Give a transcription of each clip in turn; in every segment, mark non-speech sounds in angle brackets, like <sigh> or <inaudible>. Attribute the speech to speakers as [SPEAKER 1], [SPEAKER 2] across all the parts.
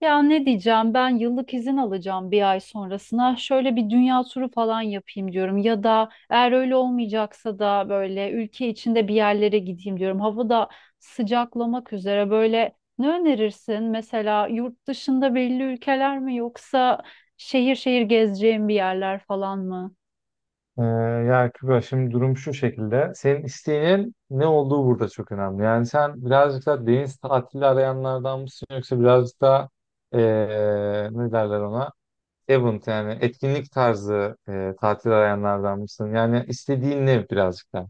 [SPEAKER 1] Ya ne diyeceğim ben yıllık izin alacağım bir ay sonrasına şöyle bir dünya turu falan yapayım diyorum ya da eğer öyle olmayacaksa da böyle ülke içinde bir yerlere gideyim diyorum. Hava da sıcaklamak üzere böyle ne önerirsin mesela yurt dışında belli ülkeler mi yoksa şehir şehir gezeceğim bir yerler falan mı?
[SPEAKER 2] Ee, ya Kübra, şimdi durum şu şekilde. Senin isteğinin ne olduğu burada çok önemli. Yani sen birazcık da deniz tatili arayanlardan mısın yoksa birazcık da ee, ne derler ona? Event, yani etkinlik tarzı tatil arayanlardan mısın? Yani istediğin ne birazcık da?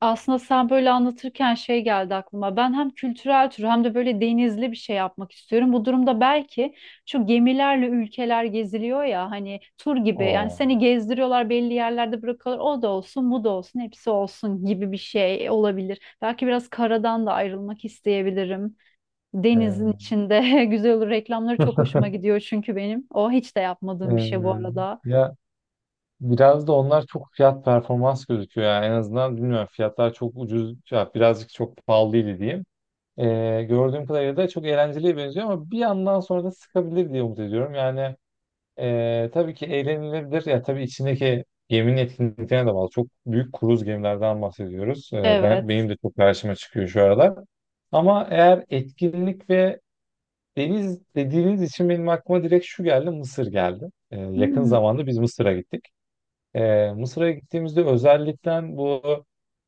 [SPEAKER 1] Aslında sen böyle anlatırken şey geldi aklıma. Ben hem kültürel tur hem de böyle denizli bir şey yapmak istiyorum. Bu durumda belki şu gemilerle ülkeler geziliyor ya hani tur gibi. Yani
[SPEAKER 2] Oo.
[SPEAKER 1] seni gezdiriyorlar belli yerlerde bırakıyorlar. O da olsun, bu da olsun, hepsi olsun gibi bir şey olabilir. Belki biraz karadan da ayrılmak isteyebilirim. Denizin
[SPEAKER 2] <laughs>
[SPEAKER 1] içinde <laughs> güzel olur. Reklamları çok hoşuma gidiyor çünkü benim. O hiç de
[SPEAKER 2] Ee, ee,
[SPEAKER 1] yapmadığım bir şey bu arada.
[SPEAKER 2] ya biraz da onlar çok fiyat performans gözüküyor, yani en azından bilmiyorum fiyatlar çok ucuz ya, birazcık çok pahalıydı diyeyim. Gördüğüm kadarıyla da çok eğlenceliye benziyor ama bir yandan sonra da sıkabilir diye umut ediyorum. Yani, tabii ki eğlenilebilir. Ya tabii içindeki geminin etkinliklerine de bağlı. Çok büyük kruz gemilerden bahsediyoruz.
[SPEAKER 1] Evet.
[SPEAKER 2] Benim de çok karşıma çıkıyor şu aralar. Ama eğer etkinlik ve deniz dediğiniz için benim aklıma direkt şu geldi, Mısır geldi. Yakın
[SPEAKER 1] Hmm.
[SPEAKER 2] zamanda biz Mısır'a gittik. Mısır'a gittiğimizde özellikle bu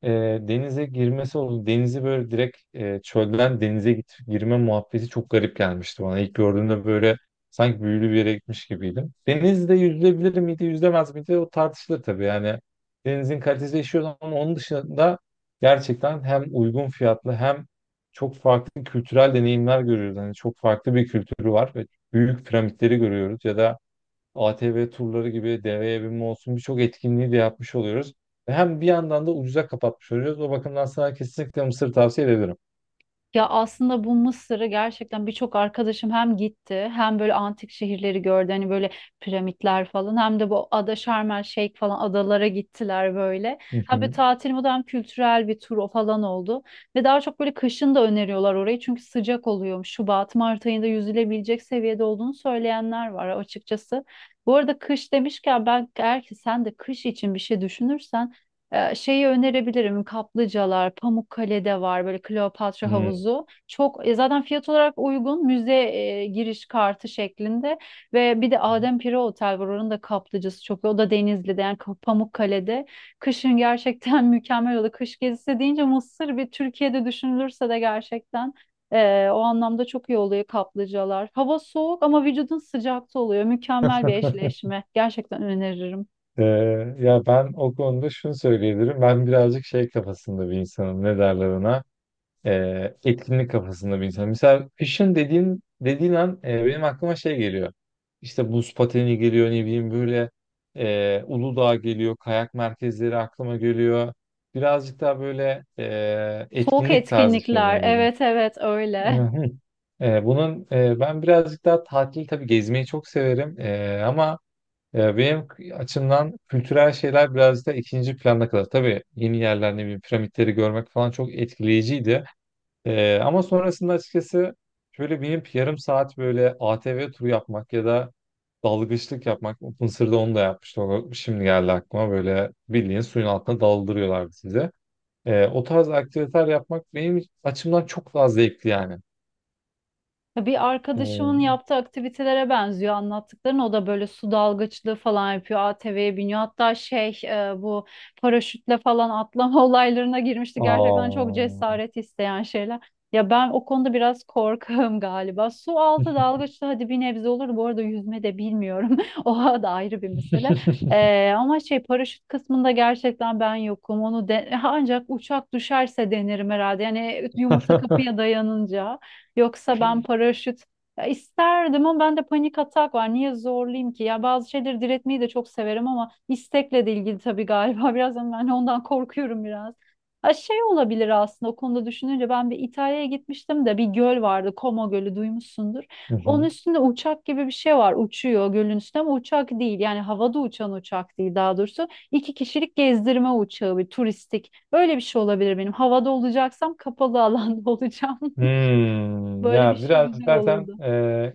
[SPEAKER 2] e, denize girmesi oldu. Denizi böyle direkt çölden denize git, girme muhabbeti çok garip gelmişti bana. İlk gördüğümde böyle sanki büyülü bir yere gitmiş gibiydim. Denizde yüzülebilir miydi, yüzülemez miydi, o tartışılır tabii. Yani denizin kalitesi değişiyor ama onun dışında gerçekten hem uygun fiyatlı hem çok farklı kültürel deneyimler görüyoruz. Yani çok farklı bir kültürü var ve büyük piramitleri görüyoruz ya da ATV turları gibi deveye binme olsun birçok etkinliği de yapmış oluyoruz. Ve hem bir yandan da ucuza kapatmış oluyoruz. O bakımdan sana kesinlikle Mısır tavsiye ederim.
[SPEAKER 1] Ya aslında bu Mısır'ı gerçekten birçok arkadaşım hem gitti hem böyle antik şehirleri gördü hani böyle piramitler falan hem de bu ada Şarm El Şeyh falan adalara gittiler böyle.
[SPEAKER 2] Hı
[SPEAKER 1] Hem bir
[SPEAKER 2] hı.
[SPEAKER 1] tatil modu hem kültürel bir tur falan oldu. Ve daha çok böyle kışın da öneriyorlar orayı çünkü sıcak oluyormuş. Şubat, Mart ayında yüzülebilecek seviyede olduğunu söyleyenler var açıkçası. Bu arada kış demişken ben eğer ki sen de kış için bir şey düşünürsen şeyi önerebilirim. Kaplıcalar, Pamukkale'de var böyle Kleopatra
[SPEAKER 2] Hmm.
[SPEAKER 1] havuzu. Çok zaten fiyat olarak uygun müze giriş kartı şeklinde ve bir de Adem Pire Otel var. Oranın da kaplıcası çok iyi. O da Denizli'de yani Pamukkale'de. Kışın gerçekten <laughs> mükemmel oldu. Kış gezisi deyince Mısır bir Türkiye'de düşünülürse de gerçekten o anlamda çok iyi oluyor kaplıcalar. Hava soğuk ama vücudun sıcakta oluyor. Mükemmel bir
[SPEAKER 2] <laughs>
[SPEAKER 1] eşleşme. Gerçekten öneririm.
[SPEAKER 2] Ee, Ya ben o konuda şunu söyleyebilirim. Ben birazcık şey kafasında bir insanım. Ne derler ona? Etkinlik kafasında bir insan. Mesela kışın dediğin an, benim aklıma şey geliyor. İşte buz pateni geliyor, ne bileyim böyle, Uludağ geliyor, kayak merkezleri aklıma geliyor. Birazcık daha böyle
[SPEAKER 1] Soğuk
[SPEAKER 2] etkinlik tarzı şeyler
[SPEAKER 1] etkinlikler.
[SPEAKER 2] geliyor.
[SPEAKER 1] Evet, evet, öyle.
[SPEAKER 2] Hı. Ben birazcık daha tatil, tabii gezmeyi çok severim, ama benim açımdan kültürel şeyler birazcık da ikinci planda kalır. Tabii yeni yerler, ne bileyim piramitleri görmek falan çok etkileyiciydi. Ama sonrasında açıkçası şöyle binip yarım saat böyle ATV turu yapmak ya da dalgıçlık yapmak. Mısır'da onu da yapmıştım. O şimdi geldi aklıma, böyle bildiğin suyun altına daldırıyorlardı size. O tarz aktiviteler yapmak benim açımdan çok daha zevkli yani.
[SPEAKER 1] Ya bir arkadaşımın
[SPEAKER 2] Ee,
[SPEAKER 1] yaptığı aktivitelere benziyor anlattıkların. O da böyle su dalgıçlığı falan yapıyor. ATV'ye biniyor. Hatta şey bu paraşütle falan atlama <laughs> olaylarına girmişti. Gerçekten çok
[SPEAKER 2] Aa.
[SPEAKER 1] cesaret isteyen şeyler. Ya ben o konuda biraz korkağım galiba. Su altı dalgıçlığı hadi bir nebze olur. Bu arada yüzme de bilmiyorum. <laughs> O da ayrı bir mesele. Ama şey paraşüt kısmında gerçekten ben yokum. Onu <laughs> ancak uçak düşerse denerim herhalde. Yani yumurta kapıya
[SPEAKER 2] <laughs>
[SPEAKER 1] dayanınca. Yoksa ben paraşüt ya isterdim ama ben de panik atak var. Niye zorlayayım ki? Ya bazı şeyleri diretmeyi de çok severim ama istekle de ilgili tabii galiba. <laughs> Biraz ama ben ondan korkuyorum biraz. Ha şey olabilir aslında o konuda düşününce ben bir İtalya'ya gitmiştim de bir göl vardı. Como Gölü duymuşsundur.
[SPEAKER 2] Hı
[SPEAKER 1] Onun
[SPEAKER 2] hı.
[SPEAKER 1] üstünde uçak gibi bir şey var. Uçuyor gölün üstünde ama uçak değil. Yani havada uçan uçak değil daha doğrusu. İki kişilik gezdirme uçağı bir turistik. Öyle bir şey olabilir benim. Havada olacaksam kapalı alanda <laughs> olacağım.
[SPEAKER 2] Hmm,
[SPEAKER 1] Böyle bir
[SPEAKER 2] ya
[SPEAKER 1] şey
[SPEAKER 2] biraz
[SPEAKER 1] güzel
[SPEAKER 2] zaten
[SPEAKER 1] olurdu.
[SPEAKER 2] e,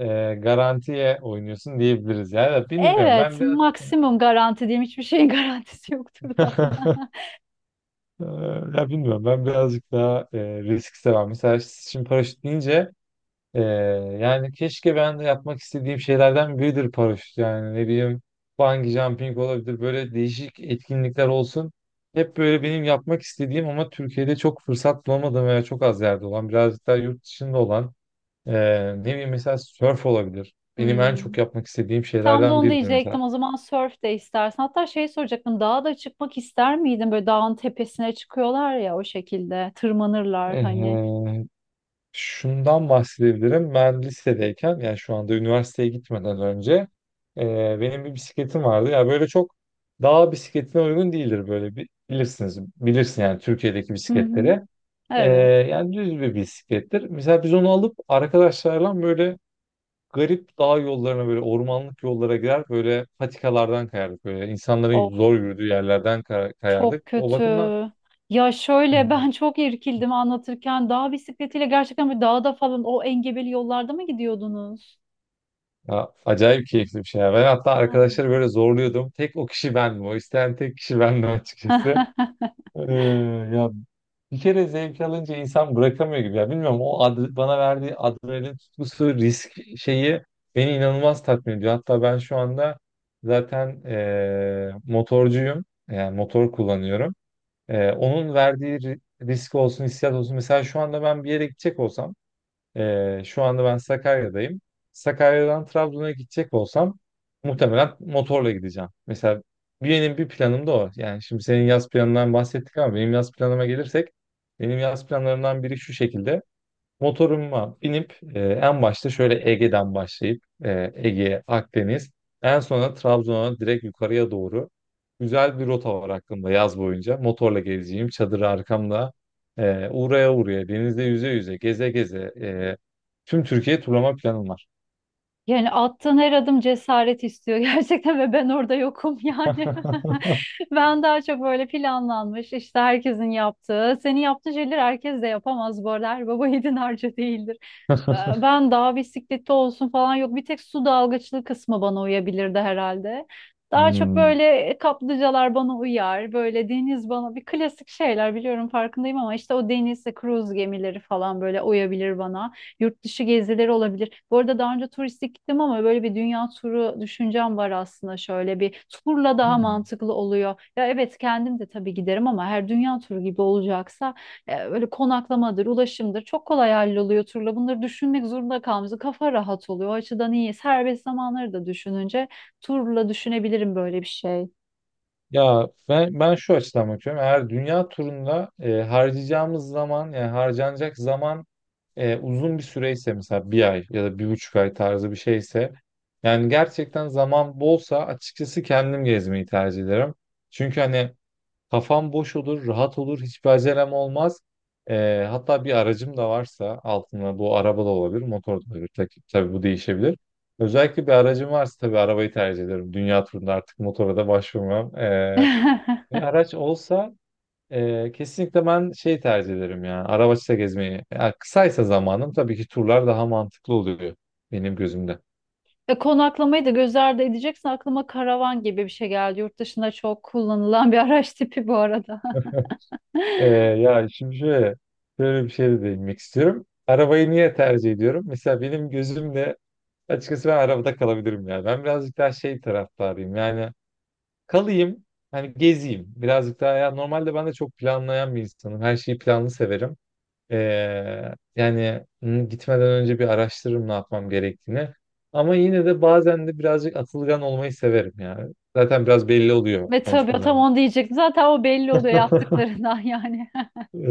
[SPEAKER 2] e, garantiye oynuyorsun diyebiliriz. Ya da bilmiyorum,
[SPEAKER 1] Evet,
[SPEAKER 2] ben biraz…
[SPEAKER 1] maksimum garanti diyeyim. Hiçbir şeyin <laughs> garantisi yoktur da.
[SPEAKER 2] <laughs> Ee, Ya bilmiyorum, ben birazcık daha risk seven. Mesela şimdi paraşüt deyince e, yani keşke, ben de yapmak istediğim şeylerden biridir paraşüt. Yani ne bileyim, bungee jumping olabilir, böyle değişik etkinlikler olsun. Hep böyle benim yapmak istediğim ama Türkiye'de çok fırsat bulamadığım veya çok az yerde olan, birazcık daha yurt dışında olan e, ne bileyim mesela surf olabilir. Benim en
[SPEAKER 1] Hmm.
[SPEAKER 2] çok yapmak istediğim
[SPEAKER 1] Tam da
[SPEAKER 2] şeylerden
[SPEAKER 1] onu
[SPEAKER 2] biridir mesela.
[SPEAKER 1] diyecektim. O zaman surf de istersen. Hatta şey soracaktım. Dağa da çıkmak ister miydin? Böyle dağın tepesine çıkıyorlar ya o şekilde. Tırmanırlar hani.
[SPEAKER 2] Ee, Şundan bahsedebilirim. Ben lisedeyken, yani şu anda üniversiteye gitmeden önce, benim bir bisikletim vardı. Ya böyle çok dağ bisikletine uygun değildir, böyle bilirsiniz. Bilirsin yani Türkiye'deki
[SPEAKER 1] Hı hı.
[SPEAKER 2] bisikletleri. E,
[SPEAKER 1] Evet.
[SPEAKER 2] Yani düz bir bisiklettir. Mesela biz onu alıp arkadaşlarla böyle garip dağ yollarına, böyle ormanlık yollara girer, böyle patikalardan kayardık, böyle
[SPEAKER 1] Of,
[SPEAKER 2] insanların zor yürüdüğü yerlerden kayardık.
[SPEAKER 1] çok
[SPEAKER 2] O
[SPEAKER 1] kötü.
[SPEAKER 2] bakımdan…
[SPEAKER 1] Ya şöyle ben çok irkildim anlatırken. Dağ bisikletiyle gerçekten bir dağda falan o engebeli yollarda mı gidiyordunuz?
[SPEAKER 2] Ya, acayip keyifli bir şey ya. Ben hatta
[SPEAKER 1] Aa.
[SPEAKER 2] arkadaşları böyle zorluyordum. Tek o kişi bendim. O isteyen tek kişi <laughs> bendim açıkçası.
[SPEAKER 1] <laughs>
[SPEAKER 2] Ee, Ya bir kere zevk alınca insan bırakamıyor gibi. Ya bilmiyorum, o bana verdiği adrenalin tutkusu, risk şeyi beni inanılmaz tatmin ediyor. Hatta ben şu anda zaten motorcuyum. Yani motor kullanıyorum. Onun verdiği risk olsun, hissiyat olsun. Mesela şu anda ben bir yere gidecek olsam, şu anda ben Sakarya'dayım. Sakarya'dan Trabzon'a gidecek olsam muhtemelen motorla gideceğim. Mesela benim bir planım da o. Yani şimdi senin yaz planından bahsettik ama benim yaz planıma gelirsek benim yaz planlarımdan biri şu şekilde. Motoruma binip, en başta şöyle Ege'den başlayıp, Ege, Akdeniz, en sonra Trabzon'a direkt yukarıya doğru, güzel bir rota var aklımda yaz boyunca. Motorla gezeceğim, çadırı arkamda, uğraya uğraya, denizde yüze yüze, geze geze, tüm Türkiye turlama planım var.
[SPEAKER 1] Yani attığın her adım cesaret istiyor <laughs> gerçekten ve ben orada yokum yani.
[SPEAKER 2] <laughs>
[SPEAKER 1] <laughs> Ben daha çok böyle planlanmış işte herkesin yaptığı, senin yaptığın şeyleri herkes de yapamaz bu arada. Her baba <laughs> yiğidin harcı değildir. Ee, Ben dağ bisikleti olsun falan yok. Bir tek su dalgıçlığı kısmı bana uyabilirdi herhalde. Daha çok
[SPEAKER 2] Hmm.
[SPEAKER 1] böyle kaplıcalar bana uyar. Böyle deniz bana bir klasik şeyler biliyorum farkındayım ama işte o denizde kruz gemileri falan böyle uyabilir bana. Yurt dışı gezileri olabilir. Bu arada daha önce turistik gittim ama böyle bir dünya turu düşüncem var aslında şöyle bir turla daha mantıklı oluyor. Ya evet kendim de tabii giderim ama her dünya turu gibi olacaksa böyle konaklamadır, ulaşımdır çok kolay halloluyor turla. Bunları düşünmek zorunda kalmıyoruz. Kafa rahat oluyor. O açıdan iyi. Serbest zamanları da düşününce turla düşünebilirim böyle bir şey.
[SPEAKER 2] Ya ben, ben şu açıdan bakıyorum. Eğer dünya turunda e, harcayacağımız zaman yani harcanacak zaman, uzun bir süreyse, mesela bir ay ya da bir buçuk ay tarzı bir şeyse, yani gerçekten zaman bolsa, açıkçası kendim gezmeyi tercih ederim. Çünkü hani kafam boş olur, rahat olur, hiçbir acelem olmaz. Hatta bir aracım da varsa altında, bu araba da olabilir, motor da olabilir. Tabii bu değişebilir. Özellikle bir aracım varsa tabii arabayı tercih ederim. Dünya turunda artık motora da başvurmam.
[SPEAKER 1] <laughs>
[SPEAKER 2] Bir araç olsa, kesinlikle ben şey tercih ederim ya. Araçla gezmeyi. Ya kısaysa zamanım, tabii ki turlar daha mantıklı oluyor benim gözümde.
[SPEAKER 1] Konaklamayı da göz ardı edeceksin. Aklıma karavan gibi bir şey geldi. Yurt dışında çok kullanılan bir <laughs> araç tipi bu arada.
[SPEAKER 2] Ee,
[SPEAKER 1] <laughs>
[SPEAKER 2] ya şimdi şöyle, şöyle bir şey de değinmek istiyorum. Arabayı niye tercih ediyorum? Mesela benim gözümde açıkçası ben arabada kalabilirim ya. Ben birazcık daha şey taraftarıyım. Yani kalayım, hani gezeyim. Birazcık daha, ya normalde ben de çok planlayan bir insanım. Her şeyi planlı severim. Yani hı, gitmeden önce bir araştırırım ne yapmam gerektiğini. Ama yine de bazen de birazcık atılgan olmayı severim yani. Zaten biraz belli oluyor
[SPEAKER 1] Ve tabii tam
[SPEAKER 2] konuşmalarım.
[SPEAKER 1] onu diyecektim. Zaten o belli oluyor
[SPEAKER 2] <laughs>
[SPEAKER 1] yaptıklarından yani. <laughs>
[SPEAKER 2] Ee,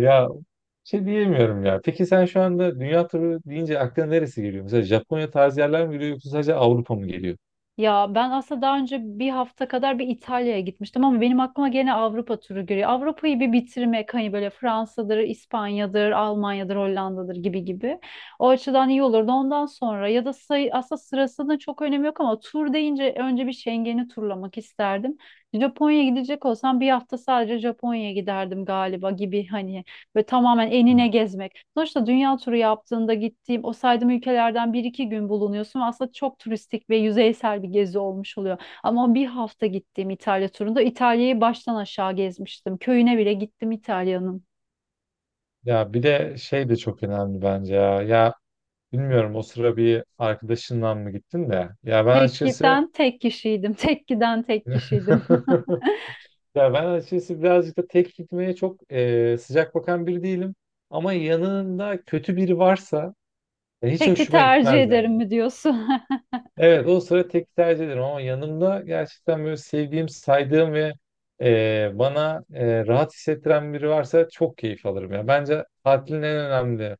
[SPEAKER 2] Ya şey diyemiyorum ya. Peki sen şu anda dünya turu deyince aklına neresi geliyor? Mesela Japonya tarzı yerler mi geliyor yoksa sadece Avrupa mı geliyor?
[SPEAKER 1] Ya ben aslında daha önce bir hafta kadar bir İtalya'ya gitmiştim ama benim aklıma gene Avrupa turu geliyor. Avrupa'yı bir bitirmek hani böyle Fransa'dır, İspanya'dır, Almanya'dır, Hollanda'dır gibi gibi. O açıdan iyi olurdu. Ondan sonra ya da sayı, aslında sırasında çok önemi yok ama tur deyince önce bir Schengen'i turlamak isterdim. Japonya'ya gidecek olsam bir hafta sadece Japonya'ya giderdim galiba gibi hani ve tamamen enine
[SPEAKER 2] Hmm.
[SPEAKER 1] gezmek. Sonuçta dünya turu yaptığında gittiğim o saydığım ülkelerden bir iki gün bulunuyorsun ve aslında çok turistik ve yüzeysel bir gezi olmuş oluyor. Ama bir hafta gittiğim İtalya turunda İtalya'yı baştan aşağı gezmiştim. Köyüne bile gittim İtalya'nın.
[SPEAKER 2] Ya bir de şey de çok önemli bence ya. Ya bilmiyorum, o sıra bir arkadaşınla mı gittin de… Ya ben
[SPEAKER 1] Tek
[SPEAKER 2] açıkçası…
[SPEAKER 1] giden tek kişiydim. Tek giden tek kişiydim.
[SPEAKER 2] <laughs> Ya ben açıkçası birazcık da tek gitmeye çok sıcak bakan biri değilim. Ama yanında kötü biri varsa,
[SPEAKER 1] <laughs>
[SPEAKER 2] hiç
[SPEAKER 1] Teki
[SPEAKER 2] hoşuma
[SPEAKER 1] tercih
[SPEAKER 2] gitmez
[SPEAKER 1] ederim
[SPEAKER 2] yani.
[SPEAKER 1] mi diyorsun? <laughs>
[SPEAKER 2] Evet, o sıra tek tercih ederim ama yanımda gerçekten böyle sevdiğim, saydığım ve, bana, rahat hissettiren biri varsa çok keyif alırım ya. Bence tatilin en önemli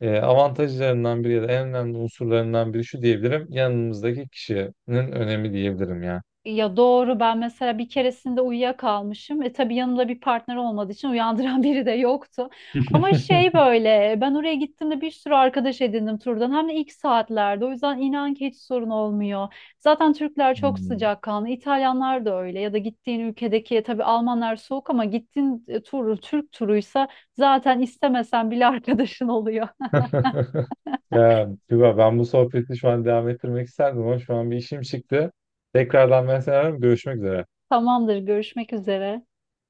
[SPEAKER 2] avantajlarından biri ya da en önemli unsurlarından biri şu diyebilirim. Yanımızdaki kişinin önemi diyebilirim ya.
[SPEAKER 1] Ya doğru ben mesela bir keresinde uyuyakalmışım. Tabii yanımda bir partner olmadığı için uyandıran <laughs> biri de yoktu. Ama şey
[SPEAKER 2] <laughs>
[SPEAKER 1] böyle ben oraya gittiğimde bir sürü arkadaş edindim turdan. Hem de ilk saatlerde. O yüzden inan ki hiç sorun olmuyor. Zaten Türkler çok
[SPEAKER 2] Hmm.
[SPEAKER 1] sıcakkanlı. İtalyanlar da öyle. Ya da gittiğin ülkedeki tabii Almanlar soğuk ama gittiğin tur Türk turuysa zaten istemesen bile <laughs> arkadaşın oluyor.
[SPEAKER 2] <laughs> Ya Tuba, ben bu sohbeti şu an devam ettirmek isterdim ama şu an bir işim çıktı. Tekrardan ben seni ararım. Görüşmek üzere.
[SPEAKER 1] Tamamdır, görüşmek üzere.